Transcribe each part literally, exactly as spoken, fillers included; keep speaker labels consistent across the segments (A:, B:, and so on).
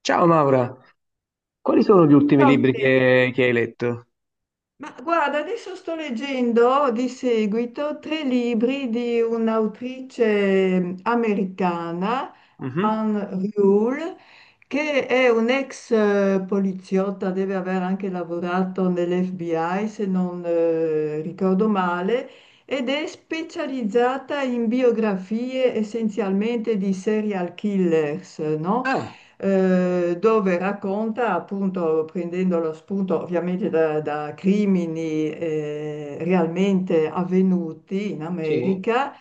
A: Ciao Maura, quali sono gli ultimi
B: Ciao
A: libri
B: Michele.
A: che, che hai letto?
B: Ma guarda, adesso sto leggendo di seguito tre libri di un'autrice mm, americana,
A: Mhm.
B: Anne Rule, che è un'ex eh, poliziotta, deve aver anche lavorato nell'F B I, se non eh, ricordo male, ed è specializzata in biografie essenzialmente di serial killers, no?
A: Ah,
B: Eh, dove racconta, appunto, prendendo lo spunto ovviamente da, da crimini eh, realmente avvenuti in
A: sì,
B: America,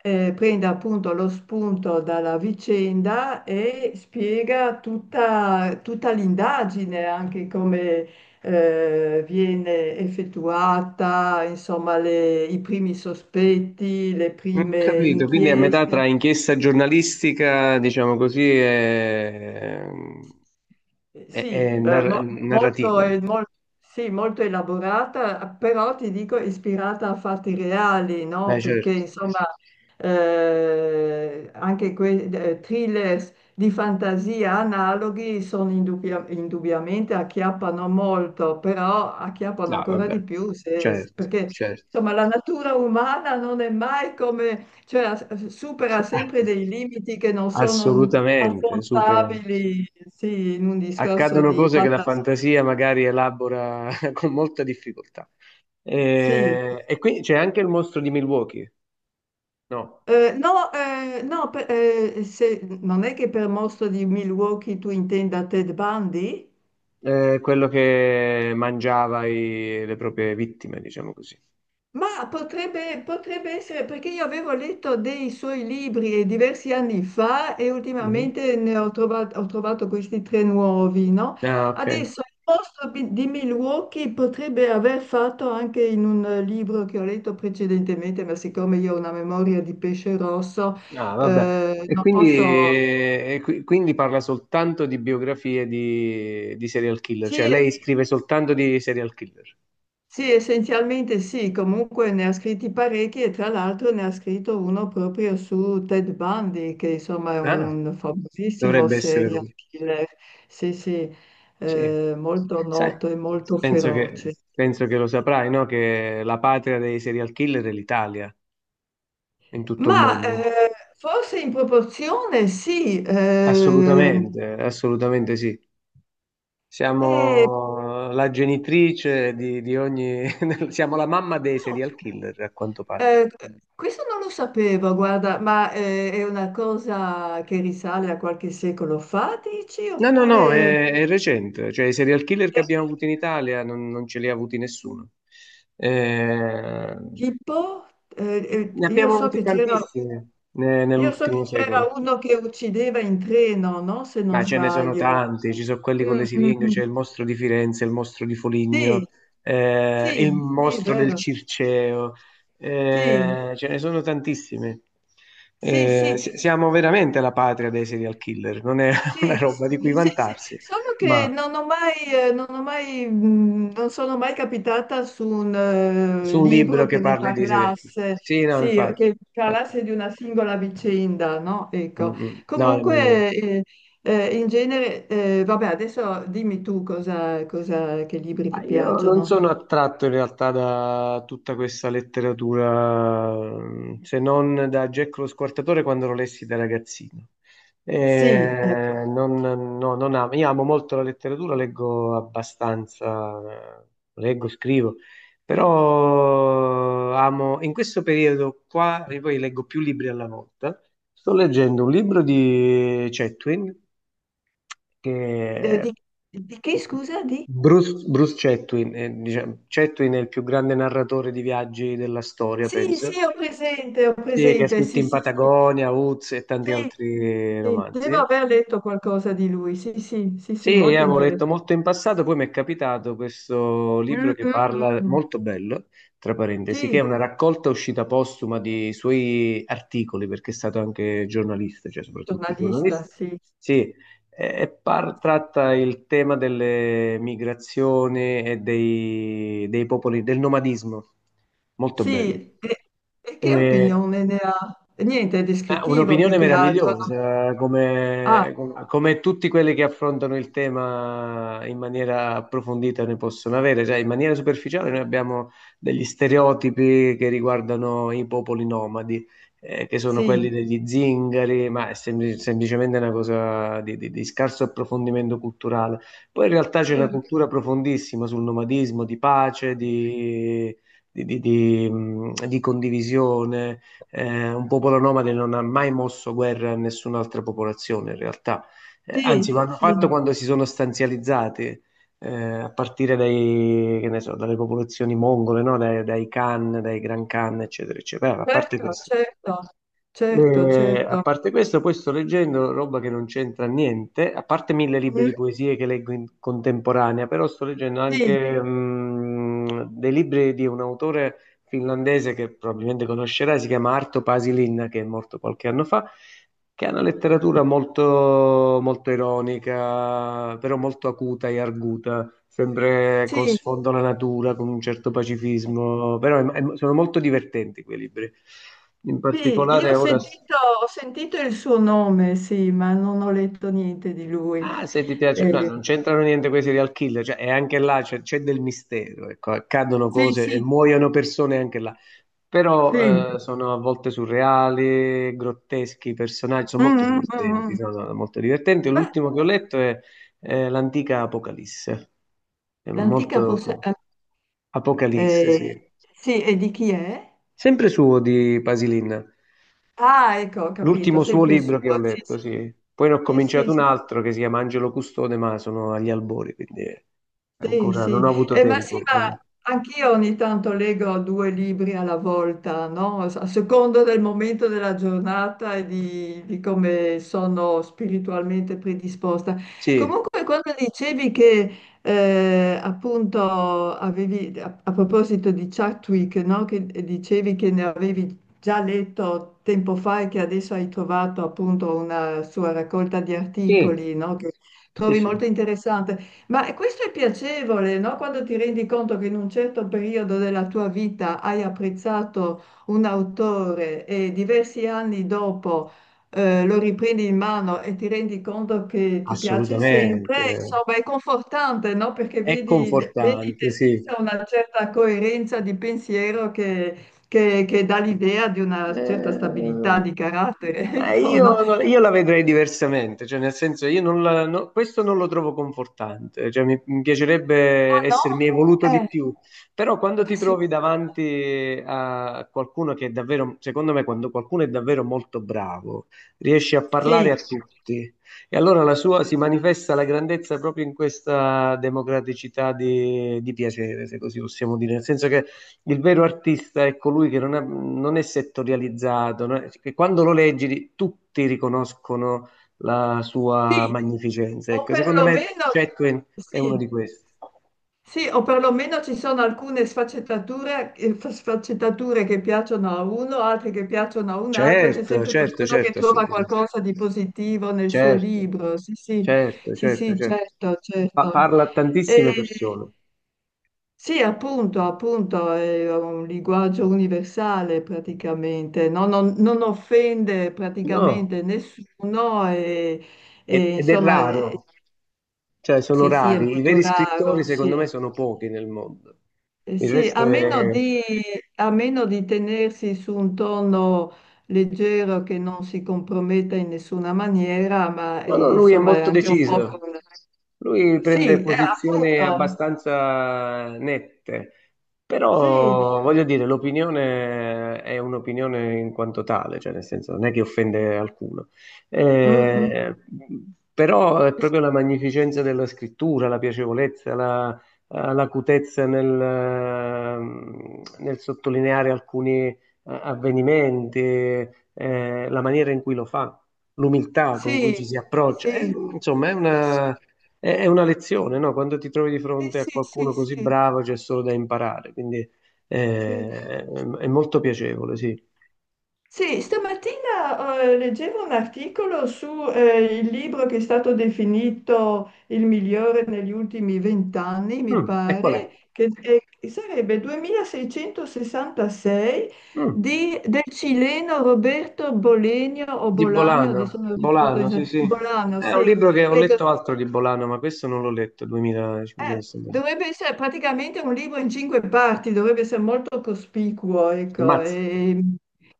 B: eh, prende appunto lo spunto dalla vicenda e spiega tutta, tutta l'indagine, anche come eh, viene effettuata, insomma, le- i primi sospetti, le
A: ho
B: prime
A: capito, quindi è a metà
B: inchieste.
A: tra inchiesta giornalistica, diciamo così, e,
B: Eh,
A: e- e
B: Sì, eh,
A: nar-
B: mo-
A: narrativa.
B: molto, eh, mol- sì, molto elaborata, però ti dico ispirata a fatti reali, no?
A: Beh,
B: Perché
A: certo,
B: insomma eh, anche quei eh, thrillers di fantasia analoghi sono indubbia- indubbiamente acchiappano molto, però acchiappano
A: no,
B: ancora di
A: vabbè,
B: più se-
A: certo,
B: perché
A: certo.
B: insomma la natura umana non è mai come, cioè, as- supera sempre dei limiti che non sono
A: Assolutamente, super.
B: affrontabili, sì, in un discorso
A: Accadono
B: di
A: cose che la
B: fantasia.
A: fantasia magari elabora con molta difficoltà.
B: Sì.
A: Eh, E, quindi c'è anche il mostro di Milwaukee, no?
B: Eh, no, eh, no, per- eh, se- non è che per mostro di Milwaukee tu intenda Ted Bundy?
A: È quello che mangiava i- le proprie vittime, diciamo così.
B: Ma potrebbe, potrebbe essere perché io avevo letto dei suoi libri diversi anni fa e
A: Mhm.
B: ultimamente ne ho trovato, ho trovato questi tre nuovi, no?
A: Ah, ok.
B: Adesso il posto bi- di Milwaukee potrebbe aver fatto anche in un eh, libro che ho letto precedentemente, ma siccome io ho una memoria di pesce rosso,
A: Ah, vabbè.
B: eh,
A: E
B: non
A: quindi,
B: posso.
A: e qui- quindi parla soltanto di biografie di, di serial killer, cioè
B: Sì,
A: lei scrive soltanto di serial killer.
B: sì, essenzialmente sì, comunque ne ha scritti parecchi e tra l'altro ne ha scritto uno proprio su Ted Bundy, che insomma è
A: Ah,
B: un famosissimo
A: dovrebbe essere
B: serial
A: lui.
B: killer, sì, sì,
A: Sì.
B: eh, molto
A: Sai,
B: noto e molto
A: penso che,
B: feroce.
A: penso che lo saprai, no? Che la patria dei serial killer è l'Italia, in tutto il
B: Ma
A: mondo.
B: eh, forse in proporzione sì, ehm,
A: Assolutamente, assolutamente sì.
B: eh,
A: Siamo la genitrice di, di ogni... siamo la mamma dei
B: no,
A: serial killer, a quanto pare.
B: eh, questo non lo sapevo, guarda, ma eh, è una cosa che risale a qualche secolo fa, dici,
A: No, no, no,
B: oppure.
A: è, è recente. Cioè, i serial killer che
B: Eh,
A: abbiamo avuto in Italia non, non ce li ha avuti nessuno. Eh,
B: Tipo, eh,
A: ne
B: eh, io
A: abbiamo
B: so
A: avuti
B: che c'era
A: tantissimi ne-
B: io so che
A: nell'ultimo
B: c'era
A: secolo.
B: uno che uccideva in treno, no? Se non
A: Ma ce ne sono
B: sbaglio.
A: tanti, ci sono quelli con le
B: Mm, mm,
A: siringhe,
B: mm.
A: c'è il mostro di Firenze, il mostro di Foligno,
B: Sì,
A: eh, il
B: sì, sì,
A: mostro del
B: vero.
A: Circeo,
B: Sì,
A: eh, ce ne sono tantissimi.
B: sì,
A: Eh,
B: sì.
A: si- siamo veramente la patria dei serial killer, non è
B: Sì,
A: una roba
B: sì,
A: di cui
B: sì, sì.
A: vantarsi,
B: Solo che
A: ma
B: non ho mai, eh, non ho mai, mh, non sono mai capitata su un eh,
A: su un
B: libro
A: libro che
B: che ne
A: parli di serial killer.
B: parlasse,
A: Sì, no,
B: sì,
A: infatti.
B: che
A: Infatti.
B: parlasse di una singola vicenda, no?
A: Mm,
B: Ecco.
A: mm. No, nemmeno io.
B: Comunque, eh, eh, in genere, eh, vabbè, adesso dimmi tu cosa, cosa- che libri
A: Ma
B: ti
A: io non
B: piacciono.
A: sono attratto in realtà da tutta questa letteratura, se non da Jack lo Squartatore quando lo lessi da ragazzino.
B: Sì, ecco.
A: Eh, non, no, non amo. Io amo molto la letteratura, leggo abbastanza, eh, leggo, scrivo, però amo, in questo periodo qua, e poi leggo più libri alla volta, sto leggendo un libro di Chetwin
B: Eh,
A: che
B: di, di che, scusa, di?
A: Bruce, Bruce Chatwin, eh, diciamo, Chatwin è il più grande narratore di viaggi della storia,
B: Sì, sì,
A: penso,
B: ho presente, ho
A: sì, che ha
B: presente,
A: scritto
B: sì,
A: In
B: sì, sì.
A: Patagonia, Uz e tanti
B: Sì,
A: altri
B: sì, devo
A: romanzi.
B: aver letto qualcosa di lui, sì, sì, sì,
A: Sì,
B: sì,
A: io
B: molto
A: avevo letto
B: interessante.
A: molto in passato, poi mi è capitato questo libro
B: Mm,
A: che
B: mm, mm,
A: parla,
B: mm.
A: molto bello, tra parentesi, che
B: Sì,
A: è una raccolta uscita postuma di suoi articoli, perché è stato anche giornalista, cioè soprattutto
B: giornalista,
A: giornalista.
B: sì.
A: Sì, e par- tratta il tema delle migrazioni e dei, dei popoli, del nomadismo. Molto
B: Sì,
A: bello.
B: e, e che
A: Eh,
B: opinione ne ha? Niente, è
A: eh,
B: descrittivo più
A: un'opinione
B: che altro, no?
A: meravigliosa,
B: Ah,
A: come, com- come tutti quelli che affrontano il tema in maniera approfondita ne possono avere, cioè in maniera superficiale noi abbiamo degli stereotipi che riguardano i popoli nomadi, eh, che sono
B: sì,
A: quelli degli zingari, ma è sempli- semplicemente una cosa di, di- di scarso approfondimento culturale. Poi in realtà c'è una
B: mm,
A: cultura profondissima sul nomadismo, di pace, di di- di- di, mh, di condivisione eh, un popolo nomade non ha mai mosso guerra a nessun'altra popolazione in realtà. Eh,
B: sì,
A: anzi lo hanno fatto
B: sì,
A: quando si sono stanzializzati, eh, a partire dai, che ne so, dalle popolazioni mongole, no? Dai, dai Khan, dai Gran Khan, eccetera, eccetera. A parte
B: certo,
A: questo.
B: certo, certo,
A: Eh, a
B: certo.
A: parte questo, poi sto leggendo roba che non c'entra niente, a parte mille libri
B: Mm,
A: di poesie che leggo in contemporanea, però sto leggendo
B: sì,
A: anche mm, dei libri di un autore finlandese che probabilmente conoscerai, si chiama Arto Pasilin, che è morto qualche anno fa, che ha una letteratura molto, molto ironica, però molto acuta e arguta, sempre con
B: sì.
A: sfondo alla natura, con un certo pacifismo, però è- è- sono molto divertenti quei libri. In
B: Sì, io
A: particolare
B: ho
A: ora...
B: sentito, ho sentito il suo nome, sì, ma non ho letto niente di lui.
A: Ah, se ti piace, no,
B: Eh,
A: non c'entrano niente quei serial killer, cioè, e anche là c'è c'è del mistero, ecco, accadono
B: sì,
A: cose e
B: sì,
A: muoiono persone anche là,
B: sì.
A: però eh, sono a volte surreali, grotteschi, i personaggi sono molto
B: Mm, mm, mm,
A: divertenti,
B: mm.
A: sono molto divertenti.
B: Beh,
A: L'ultimo che ho letto è eh, l'antica Apocalisse, è
B: l'antica possa.
A: molto... Apocalisse,
B: Eh,
A: sì.
B: sì, e di chi è?
A: Sempre suo di Pasilin.
B: Ah, ecco, ho capito,
A: L'ultimo suo
B: sempre
A: libro che ho
B: sua. Sì,
A: letto,
B: sì,
A: sì. Poi ne ho
B: sì, sì,
A: cominciato un
B: sì,
A: altro che si chiama Angelo Custode, ma sono agli albori, quindi
B: sì,
A: ancora non ho
B: sì.
A: avuto
B: Eh, ma sì,
A: tempo. Eh,
B: ma anch'io ogni tanto leggo due libri alla volta, no? A seconda del momento della giornata e di, di come sono spiritualmente predisposta.
A: Sì,
B: Comunque, quando dicevi che eh, appunto avevi, a, a proposito di Chadwick, no? Che dicevi che ne avevi già letto tempo fa e che adesso hai trovato appunto una sua raccolta di
A: sì,
B: articoli, no? Che
A: sì,
B: trovi
A: sì,
B: molto interessante. Ma questo è piacevole, no? Quando ti rendi conto che in un certo periodo della tua vita hai apprezzato un autore e diversi anni dopo eh, lo riprendi in mano e ti rendi conto che ti piace sempre,
A: assolutamente.
B: insomma, è confortante, no? Perché
A: È
B: vedi, vedi te
A: confortante, sì.
B: stessa una certa coerenza di pensiero che, che- che dà l'idea di una certa stabilità
A: Eh,
B: di carattere,
A: ma
B: ecco, no?
A: io, no, io la vedrei diversamente, cioè nel senso io non la- no- questo non lo trovo confortante, cioè mi, mi piacerebbe
B: Ah no?
A: essermi evoluto di
B: Eh,
A: più, però quando
B: ah,
A: ti
B: sì.
A: trovi davanti a qualcuno che è davvero, secondo me quando qualcuno è davvero molto bravo, riesce a
B: Sì,
A: parlare a tutti e allora la sua si manifesta la grandezza proprio in questa democraticità di, di piacere, se così possiamo dire, nel senso che il vero artista è colui che non è, non è settorializzato, non è- che quando lo leggi tutti riconoscono la sua
B: sì,
A: magnificenza.
B: O
A: Ecco, secondo me
B: perlomeno,
A: Chatwin è
B: sì,
A: uno di questi.
B: sì, o perlomeno ci sono alcune sfaccettature, eh, fa- sfaccettature che piacciono a uno, altre che piacciono a un altro, c'è
A: Certo,
B: sempre
A: certo,
B: qualcuno che
A: certo,
B: trova
A: assolutamente.
B: qualcosa di positivo nel suo
A: Certo,
B: libro. Sì, sì,
A: certo,
B: sì,
A: certo,
B: sì,
A: certo.
B: certo,
A: Pa-
B: certo.
A: parla a
B: E,
A: tantissime persone.
B: sì, appunto, appunto, è un linguaggio universale praticamente, no? non, non offende
A: No,
B: praticamente nessuno e, e,
A: ed ed è
B: insomma. Eh,
A: raro, cioè sono
B: sì, sì, è
A: rari. I
B: molto
A: veri
B: raro,
A: scrittori,
B: sì.
A: secondo me, sono pochi nel mondo.
B: Eh,
A: Il
B: sì, a
A: resto
B: meno
A: è...
B: di, a meno di tenersi su un tono leggero che non si comprometta in nessuna maniera, ma
A: No, no,
B: eh,
A: lui è
B: insomma è
A: molto
B: anche un po' con.
A: deciso. Lui prende
B: Sì, eh,
A: posizioni
B: appunto,
A: abbastanza nette,
B: sì,
A: però voglio dire, l'opinione è un'opinione in quanto tale, cioè nel senso non è che offende alcuno.
B: mm, mm,
A: Eh, però è proprio la magnificenza della scrittura, la piacevolezza, la, l'acutezza nel, nel sottolineare alcuni eh, avvenimenti, eh, la maniera in cui lo fa l'umiltà con cui ci
B: sì,
A: si approccia. È,
B: sì,
A: insomma, è
B: sì,
A: una, è- è una lezione, no? Quando ti trovi di
B: sì,
A: fronte a
B: sì, sì,
A: qualcuno
B: sì,
A: così
B: sì,
A: bravo c'è solo da imparare, quindi
B: sì.
A: eh, è molto piacevole, sì.
B: Sì, stamattina eh, leggevo un articolo su eh, il libro che è stato definito il migliore negli ultimi vent'anni, mi
A: Mm, e qual è?
B: pare, che eh, sarebbe duemilaseicentosessantasei
A: Mm,
B: di- del cileno Roberto Bolenio o
A: di
B: Bolagno, adesso
A: Bolano,
B: non ricordo
A: Bolano, sì,
B: esattamente,
A: sì.
B: Bolano,
A: È
B: sì.
A: un libro che ho
B: Ecco,
A: letto altro di Bolano, ma questo non l'ho letto,
B: eh,
A: duemilacinquecento.
B: dovrebbe essere praticamente un libro in cinque parti, dovrebbe essere molto cospicuo, ecco,
A: Ammazza.
B: e,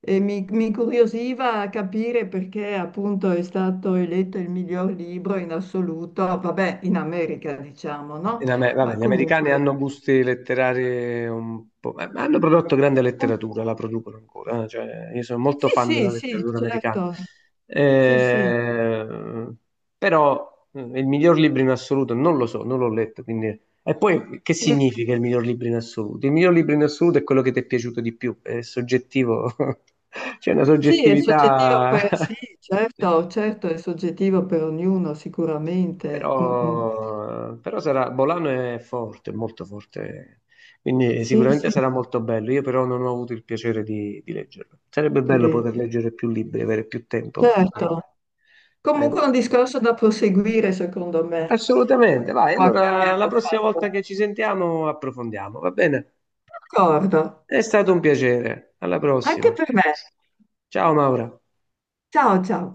B: e mi, mi incuriosiva capire perché appunto è stato eletto il miglior libro in assoluto, vabbè, in America diciamo, no?
A: In Amer- vabbè,
B: Ma
A: gli americani
B: comunque.
A: hanno gusti letterari un po', ma- ma hanno prodotto grande
B: un-
A: letteratura, la producono ancora, eh, cioè, io sono molto
B: Sì,
A: fan della
B: sì, sì,
A: letteratura americana.
B: certo. Sì, sì.
A: Eh, però eh, il miglior libro in assoluto non lo so, non l'ho letto, quindi... E poi che
B: Mm.
A: significa il miglior libro in assoluto? Il miglior libro in assoluto è quello che ti è piaciuto di più, è soggettivo, c'è una
B: Sì, è soggettivo
A: soggettività.
B: per. Sì, certo, certo, è soggettivo per ognuno, sicuramente. Mm, mm.
A: Però, però sarà, Bolano è forte, molto forte, quindi
B: Sì,
A: sicuramente
B: sì.
A: sarà molto bello. Io però non ho avuto il piacere di, di leggerlo. Sarebbe bello
B: le-
A: poter leggere più libri, avere più tempo, ma ahimè.
B: Certo, comunque è
A: Ahimè.
B: un discorso da proseguire secondo me, quello
A: Assolutamente, vai.
B: che
A: Allora, la
B: abbiamo
A: prossima
B: fatto.
A: volta che ci sentiamo approfondiamo, va bene?
B: D'accordo,
A: È stato un piacere. Alla prossima.
B: anche per me.
A: Ciao Maura.
B: Ciao ciao.